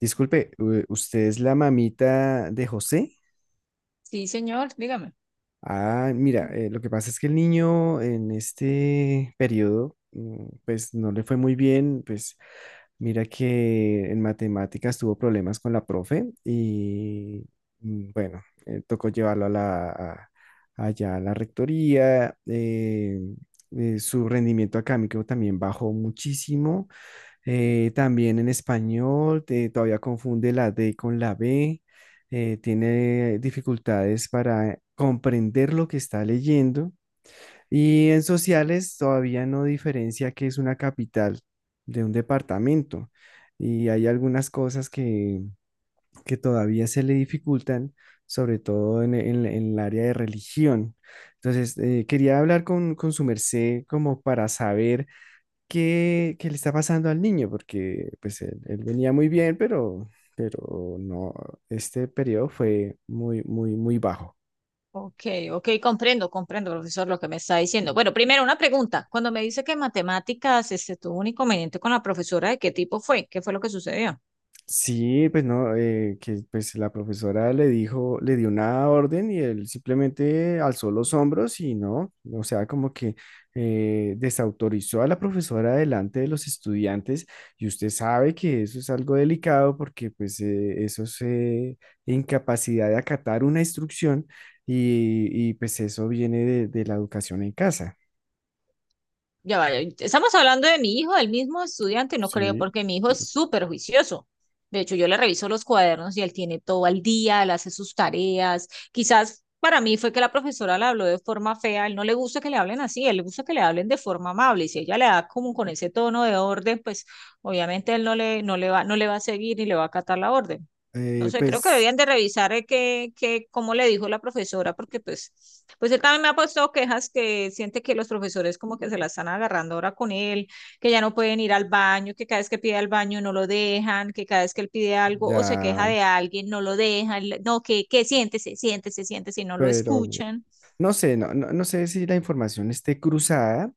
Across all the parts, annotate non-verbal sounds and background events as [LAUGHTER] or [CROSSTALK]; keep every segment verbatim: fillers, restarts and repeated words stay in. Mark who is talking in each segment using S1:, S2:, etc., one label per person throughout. S1: Disculpe, u- ¿usted es la mamita de José?
S2: Sí, señor, dígame.
S1: Ah, mira, eh, lo que pasa es que el niño en este periodo, mm, pues no le fue muy bien, pues mira que en matemáticas tuvo problemas con la profe y mm, bueno, eh, tocó llevarlo a la, a- allá a la rectoría, eh, eh, su rendimiento académico también bajó muchísimo. Eh, también en español, eh, todavía confunde la D con la B, eh, tiene dificultades para comprender lo que está leyendo, y en sociales todavía no diferencia qué es una capital de un departamento, y hay algunas cosas que, que todavía se le dificultan, sobre todo en, en- en el área de religión. Entonces, eh, quería hablar con, con su merced como para saber qué, qué le está pasando al niño, porque pues él, él venía muy bien, pero, pero no, este periodo fue muy, muy, muy bajo.
S2: Ok, ok, comprendo, comprendo, profesor, lo que me está diciendo. Bueno, primero una pregunta. Cuando me dice que en matemáticas este, tuvo un inconveniente con la profesora, ¿de qué tipo fue? ¿Qué fue lo que sucedió?
S1: Sí, pues no, eh, que pues la profesora le dijo, le dio una orden y él simplemente alzó los hombros y no, o sea, como que eh, desautorizó a la profesora delante de los estudiantes, y usted sabe que eso es algo delicado porque pues eh, eso es eh, incapacidad de acatar una instrucción, y, y, pues eso viene de, de la educación en casa,
S2: Ya vaya, estamos hablando de mi hijo, el mismo estudiante, no creo,
S1: ¿sí?
S2: porque mi hijo es súper juicioso. De hecho, yo le reviso los cuadernos y él tiene todo al día, él hace sus tareas. Quizás para mí fue que la profesora le habló de forma fea, él no le gusta que le hablen así, él le gusta que le hablen de forma amable y si ella le da como con ese tono de orden, pues obviamente él no le, no le va, no le va a seguir ni le va a acatar la orden. No
S1: Eh,
S2: sé, creo que
S1: pues
S2: deberían de revisar eh, que, que, cómo le dijo la profesora, porque pues, pues él también me ha puesto quejas, que siente que los profesores como que se la están agarrando ahora con él, que ya no pueden ir al baño, que cada vez que pide al baño no lo dejan, que cada vez que él pide algo o se queja
S1: ya,
S2: de alguien, no lo dejan, le- no, que, que siéntese, siéntese, siéntese y no lo
S1: pero
S2: escuchan.
S1: no sé, no, no, no sé si la información esté cruzada,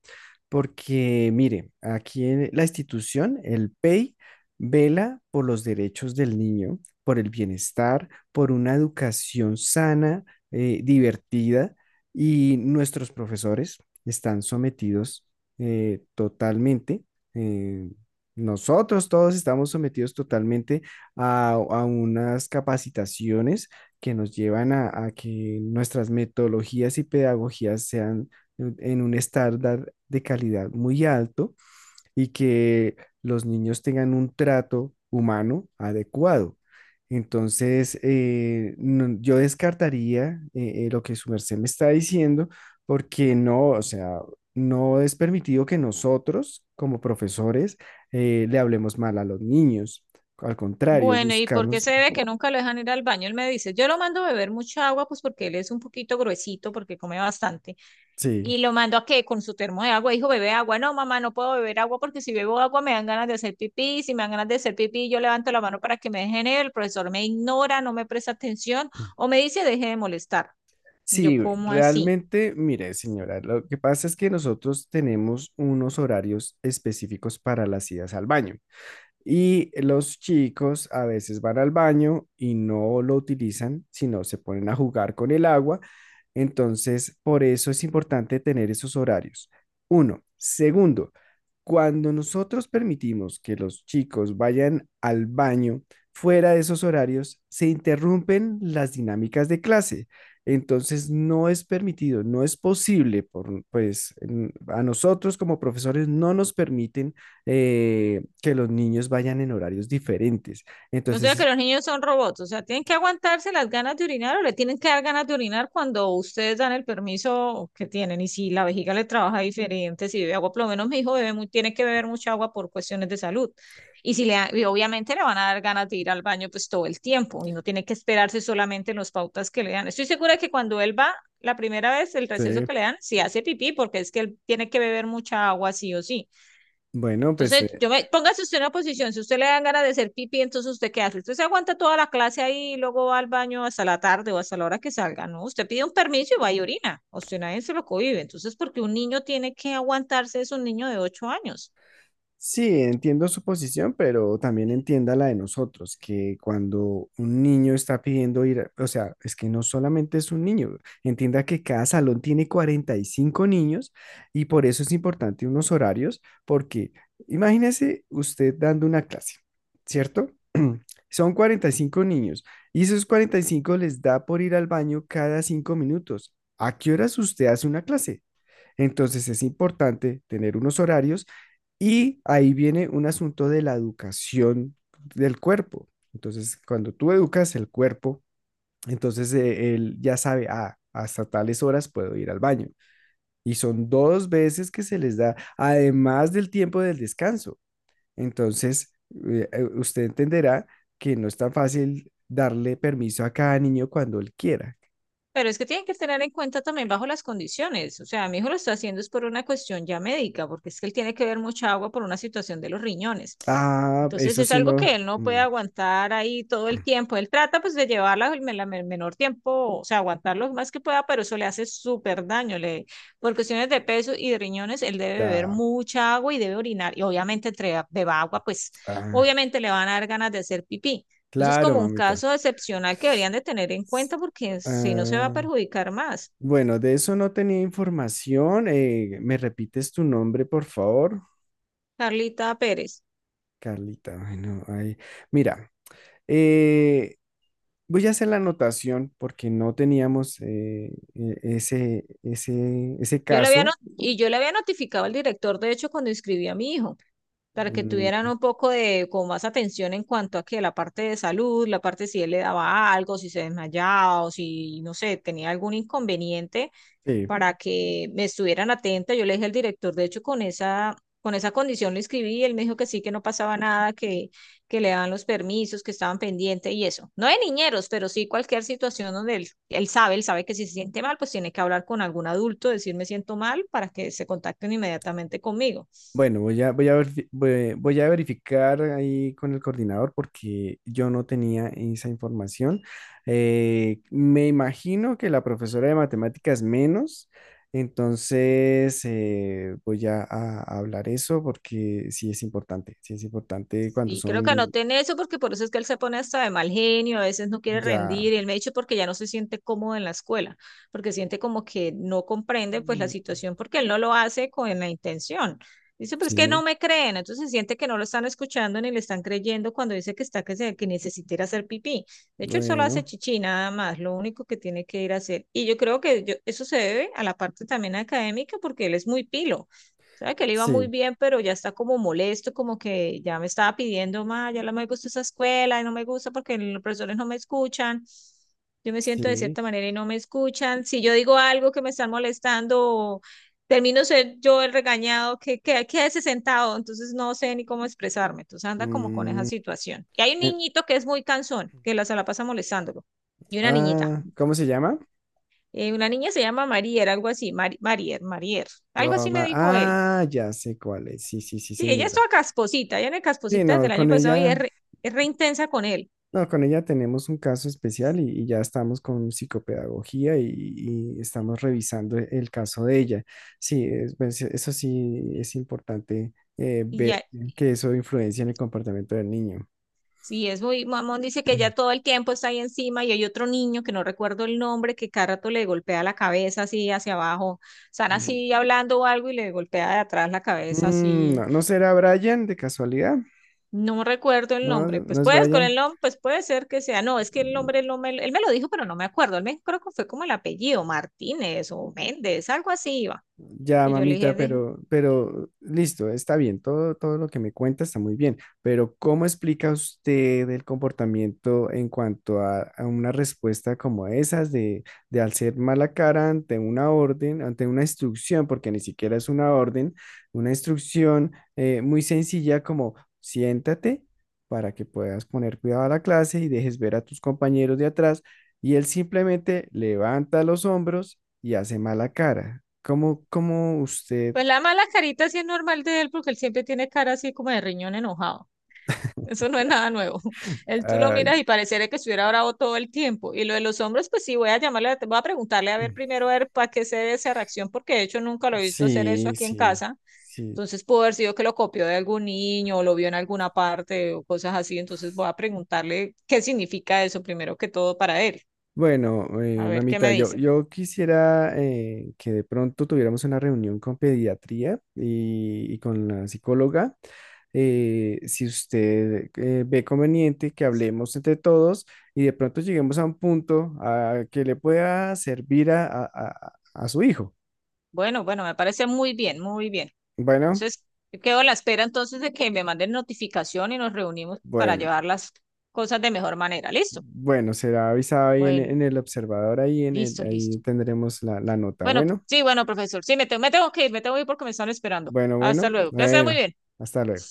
S1: porque mire, aquí en la institución, el P E I vela por los derechos del niño, por el bienestar, por una educación sana, eh, divertida, y nuestros profesores están sometidos eh, totalmente, eh, nosotros todos estamos sometidos totalmente a, a unas capacitaciones que nos llevan a, a que nuestras metodologías y pedagogías sean en en un estándar de calidad muy alto, y que los niños tengan un trato humano adecuado. Entonces, eh, no- yo descartaría eh, eh, lo que su merced me está diciendo, porque no, o sea, no es permitido que nosotros, como profesores, eh, le hablemos mal a los niños. Al contrario,
S2: Bueno, ¿y por qué
S1: buscamos,
S2: se ve que nunca lo dejan ir al baño? Él me dice, yo lo mando a beber mucha agua, pues porque él es un poquito gruesito, porque come bastante.
S1: sí.
S2: Y lo mandó a que con su termo de agua, dijo, bebe agua. No, mamá, no puedo beber agua porque si bebo agua me dan ganas de hacer pipí. Si me dan ganas de hacer pipí, yo levanto la mano para que me dejen ir. El profesor me ignora, no me presta atención o me dice, deje de molestar. Yo,
S1: Sí,
S2: ¿cómo así?
S1: realmente, mire, señora, lo que pasa es que nosotros tenemos unos horarios específicos para las idas al baño, y los chicos a veces van al baño y no lo utilizan, sino se ponen a jugar con el agua. Entonces, por eso es importante tener esos horarios. Uno. Segundo, cuando nosotros permitimos que los chicos vayan al baño fuera de esos horarios, se interrumpen las dinámicas de clase. Entonces, no es permitido, no es posible, por, pues en- a nosotros como profesores no nos permiten eh, que los niños vayan en horarios diferentes.
S2: O sea que
S1: Entonces,
S2: los niños son robots, o sea, tienen que aguantarse las ganas de orinar o le tienen que dar ganas de orinar cuando ustedes dan el permiso que tienen. Y si la vejiga le trabaja diferente, si bebe agua, por lo menos mi hijo bebe mu- tiene que beber mucha agua por cuestiones de salud. Y si le, da- y obviamente le van a dar ganas de ir al baño pues todo el tiempo y no tiene que esperarse solamente en las pautas que le dan. Estoy segura que cuando él va la primera vez, el receso
S1: sí.
S2: que le dan, si hace pipí, porque es que él tiene que beber mucha agua sí o sí.
S1: Bueno, pues
S2: Entonces,
S1: eh,
S2: yo me, póngase usted en una posición. Si usted le dan ganas de hacer pipí, ¿entonces usted qué hace? Usted se aguanta toda la clase ahí y luego va al baño hasta la tarde o hasta la hora que salga, ¿no? Usted pide un permiso y va y orina, o sea, nadie se lo cohibe. Entonces, porque un niño tiene que aguantarse, es un niño de ocho años.
S1: sí, entiendo su posición, pero también entienda la de nosotros, que cuando un niño está pidiendo ir, a- o sea, es que no solamente es un niño, entienda que cada salón tiene cuarenta y cinco niños, y por eso es importante unos horarios, porque imagínese usted dando una clase, ¿cierto? [CLEARS THROAT] Son cuarenta y cinco niños y esos cuarenta y cinco les da por ir al baño cada cinco minutos. ¿A qué horas usted hace una clase? Entonces es importante tener unos horarios, y ahí viene un asunto de la educación del cuerpo. Entonces, cuando tú educas el cuerpo, entonces eh, él ya sabe, ah, hasta tales horas puedo ir al baño. Y son dos veces que se les da, además del tiempo del descanso. Entonces, eh, eh, usted entenderá que no es tan fácil darle permiso a cada niño cuando él quiera.
S2: Pero es que tienen que tener en cuenta también bajo las condiciones. O sea, mi hijo lo está haciendo es por una cuestión ya médica, porque es que él tiene que beber mucha agua por una situación de los riñones.
S1: Ah,
S2: Entonces
S1: eso
S2: es
S1: sí,
S2: algo
S1: no.
S2: que él no puede
S1: Mm,
S2: aguantar ahí todo el tiempo. Él trata pues de llevarla el, me- la- el menor tiempo, o sea, aguantar lo más que pueda, pero eso le hace súper daño. Le, por cuestiones de peso y de riñones, él debe beber
S1: ya.
S2: mucha agua y debe orinar. Y obviamente entre beba agua, pues
S1: Ah,
S2: obviamente le van a dar ganas de hacer pipí. Entonces,
S1: claro,
S2: como un
S1: mamita.
S2: caso excepcional que deberían de tener en cuenta porque si no se va a
S1: Ah,
S2: perjudicar más.
S1: bueno, de eso no tenía información. Eh, ¿me repites tu nombre, por favor?
S2: Carlita Pérez.
S1: Carlita, bueno, ahí. Mira, eh, voy a hacer la anotación porque no teníamos eh, e- ese, ese, ese
S2: Yo le había no-
S1: caso.
S2: y yo le había notificado al director, de hecho, cuando inscribí a mi hijo, para que tuvieran
S1: Mm,
S2: un poco de como más atención en cuanto a que la parte de salud, la parte si él le daba algo, si se desmayaba o si, no sé, tenía algún inconveniente
S1: sí.
S2: para que me estuvieran atenta. Yo le dije al director, de hecho, con esa, con esa condición le escribí y él me dijo que sí, que no pasaba nada, que, que le daban los permisos, que estaban pendientes y eso. No de niñeros, pero sí cualquier situación donde él, él sabe, él sabe que si se siente mal, pues tiene que hablar con algún adulto, decir me siento mal para que se contacten inmediatamente conmigo.
S1: Bueno, voy a, voy a, verifi- voy, voy a verificar ahí con el coordinador porque yo no tenía esa información. Eh, me imagino que la profesora de matemáticas menos, entonces eh, voy a, a hablar eso porque sí es importante, sí es importante cuando
S2: Sí, creo que
S1: son
S2: anoté en eso porque por eso es que él se pone hasta de mal genio, a veces no quiere
S1: ya,
S2: rendir y él me ha dicho porque ya no se siente cómodo en la escuela, porque siente como que no comprende pues la
S1: mm,
S2: situación porque él no lo hace con la intención. Dice, pero es que
S1: sí,
S2: no me creen, entonces siente que no lo están escuchando ni le están creyendo cuando dice que está que, se, que necesita ir a hacer pipí. De hecho, él solo hace
S1: bueno,
S2: chichi nada más, lo único que tiene que ir a hacer. Y yo creo que yo- eso se debe a la parte también académica porque él es muy pilo. Sabe que le iba muy
S1: sí,
S2: bien, pero ya está como molesto, como que ya me estaba pidiendo más, ya no me gusta esa escuela, y no me gusta porque los profesores no me escuchan. Yo me siento de
S1: sí.
S2: cierta manera y no me escuchan. Si yo digo algo que me están molestando, termino ser yo el regañado, que, que quédese sentado, entonces no sé ni cómo expresarme. Entonces anda como con esa
S1: Mm.
S2: situación. Y hay un
S1: Eh,
S2: niñito que es muy cansón, que la, se la pasa molestándolo. Y una niñita.
S1: ah, ¿cómo se llama?
S2: Eh, una niña se llama Marier, algo así, Mari- Marier, Marier. Algo así me
S1: Goma-
S2: dijo él.
S1: Ah, ya sé cuál es. Sí, sí, sí,
S2: Sí, ella es
S1: señora.
S2: toda casposita, ella en el
S1: Sí,
S2: casposita desde
S1: no,
S2: el año
S1: con
S2: pasado y
S1: ella,
S2: es re, es re intensa con él.
S1: no, con ella tenemos un caso especial y, y ya estamos con psicopedagogía y, y estamos revisando e- el caso de ella. Sí, es- pues, eso sí es importante eh,
S2: Y
S1: ver
S2: ya,
S1: que eso influencia en el comportamiento del niño.
S2: sí, es muy mamón, dice que ya todo el tiempo está ahí encima y hay otro niño que no recuerdo el nombre que cada rato le golpea la cabeza así hacia abajo. Están
S1: Mm,
S2: así hablando o algo y le golpea de atrás la cabeza así.
S1: no, ¿no será Brian de casualidad?
S2: No recuerdo el
S1: No,
S2: nombre. Pues
S1: no es
S2: puedes, con el
S1: Brian.
S2: nombre, pues puede ser que sea. No, es que el nombre él no me, él me lo dijo, pero no me acuerdo. Él me creo que fue como el apellido, Martínez o Méndez, algo así iba.
S1: Ya,
S2: Y yo le dije,
S1: mamita,
S2: de-
S1: pero, pero listo, está bien, todo, todo lo que me cuenta está muy bien, pero ¿cómo explica usted el comportamiento en cuanto a, a una respuesta como esas de, de hacer mala cara ante una orden, ante una instrucción, porque ni siquiera es una orden, una instrucción eh, muy sencilla como siéntate para que puedas poner cuidado a la clase y dejes ver a tus compañeros de atrás, y él simplemente levanta los hombros y hace mala cara. ¿Cómo, cómo usted...
S2: Pues la mala carita sí es normal de él porque él siempre tiene cara así como de riñón enojado. Eso no es nada nuevo. [LAUGHS] Él tú lo
S1: ah,
S2: miras y pareciera que estuviera bravo todo el tiempo. Y lo de los hombres, pues sí, voy a llamarle, la- voy a preguntarle a ver primero a ver para qué se debe esa reacción, porque de hecho nunca lo he visto hacer eso
S1: sí,
S2: aquí en
S1: sí,
S2: casa.
S1: sí.
S2: Entonces pudo haber sido que lo copió de algún niño o lo vio en alguna parte o cosas así. Entonces voy a preguntarle qué significa eso primero que todo para él.
S1: Bueno, eh,
S2: A ver qué
S1: mamita,
S2: me
S1: yo,
S2: dice.
S1: yo quisiera eh, que de pronto tuviéramos una reunión con pediatría y, y con la psicóloga. Eh, si usted eh, ve conveniente que hablemos entre todos, y de pronto lleguemos a un punto ah, que le pueda servir a, a a- a su hijo.
S2: Bueno, bueno, me parece muy bien, muy bien.
S1: Bueno,
S2: Entonces, yo quedo a la espera entonces de que me manden notificación y nos reunimos para
S1: bueno.
S2: llevar las cosas de mejor manera. ¿Listo?
S1: Bueno, será avisado ahí en,
S2: Bueno,
S1: en el observador, ahí, en el-
S2: listo,
S1: ahí
S2: listo.
S1: tendremos la, la nota.
S2: Bueno,
S1: Bueno,
S2: sí, bueno, profesor. Sí, me tengo, me tengo que ir, me tengo que ir porque me están esperando.
S1: bueno,
S2: Hasta
S1: bueno,
S2: luego. Que sea muy
S1: bueno,
S2: bien.
S1: hasta luego.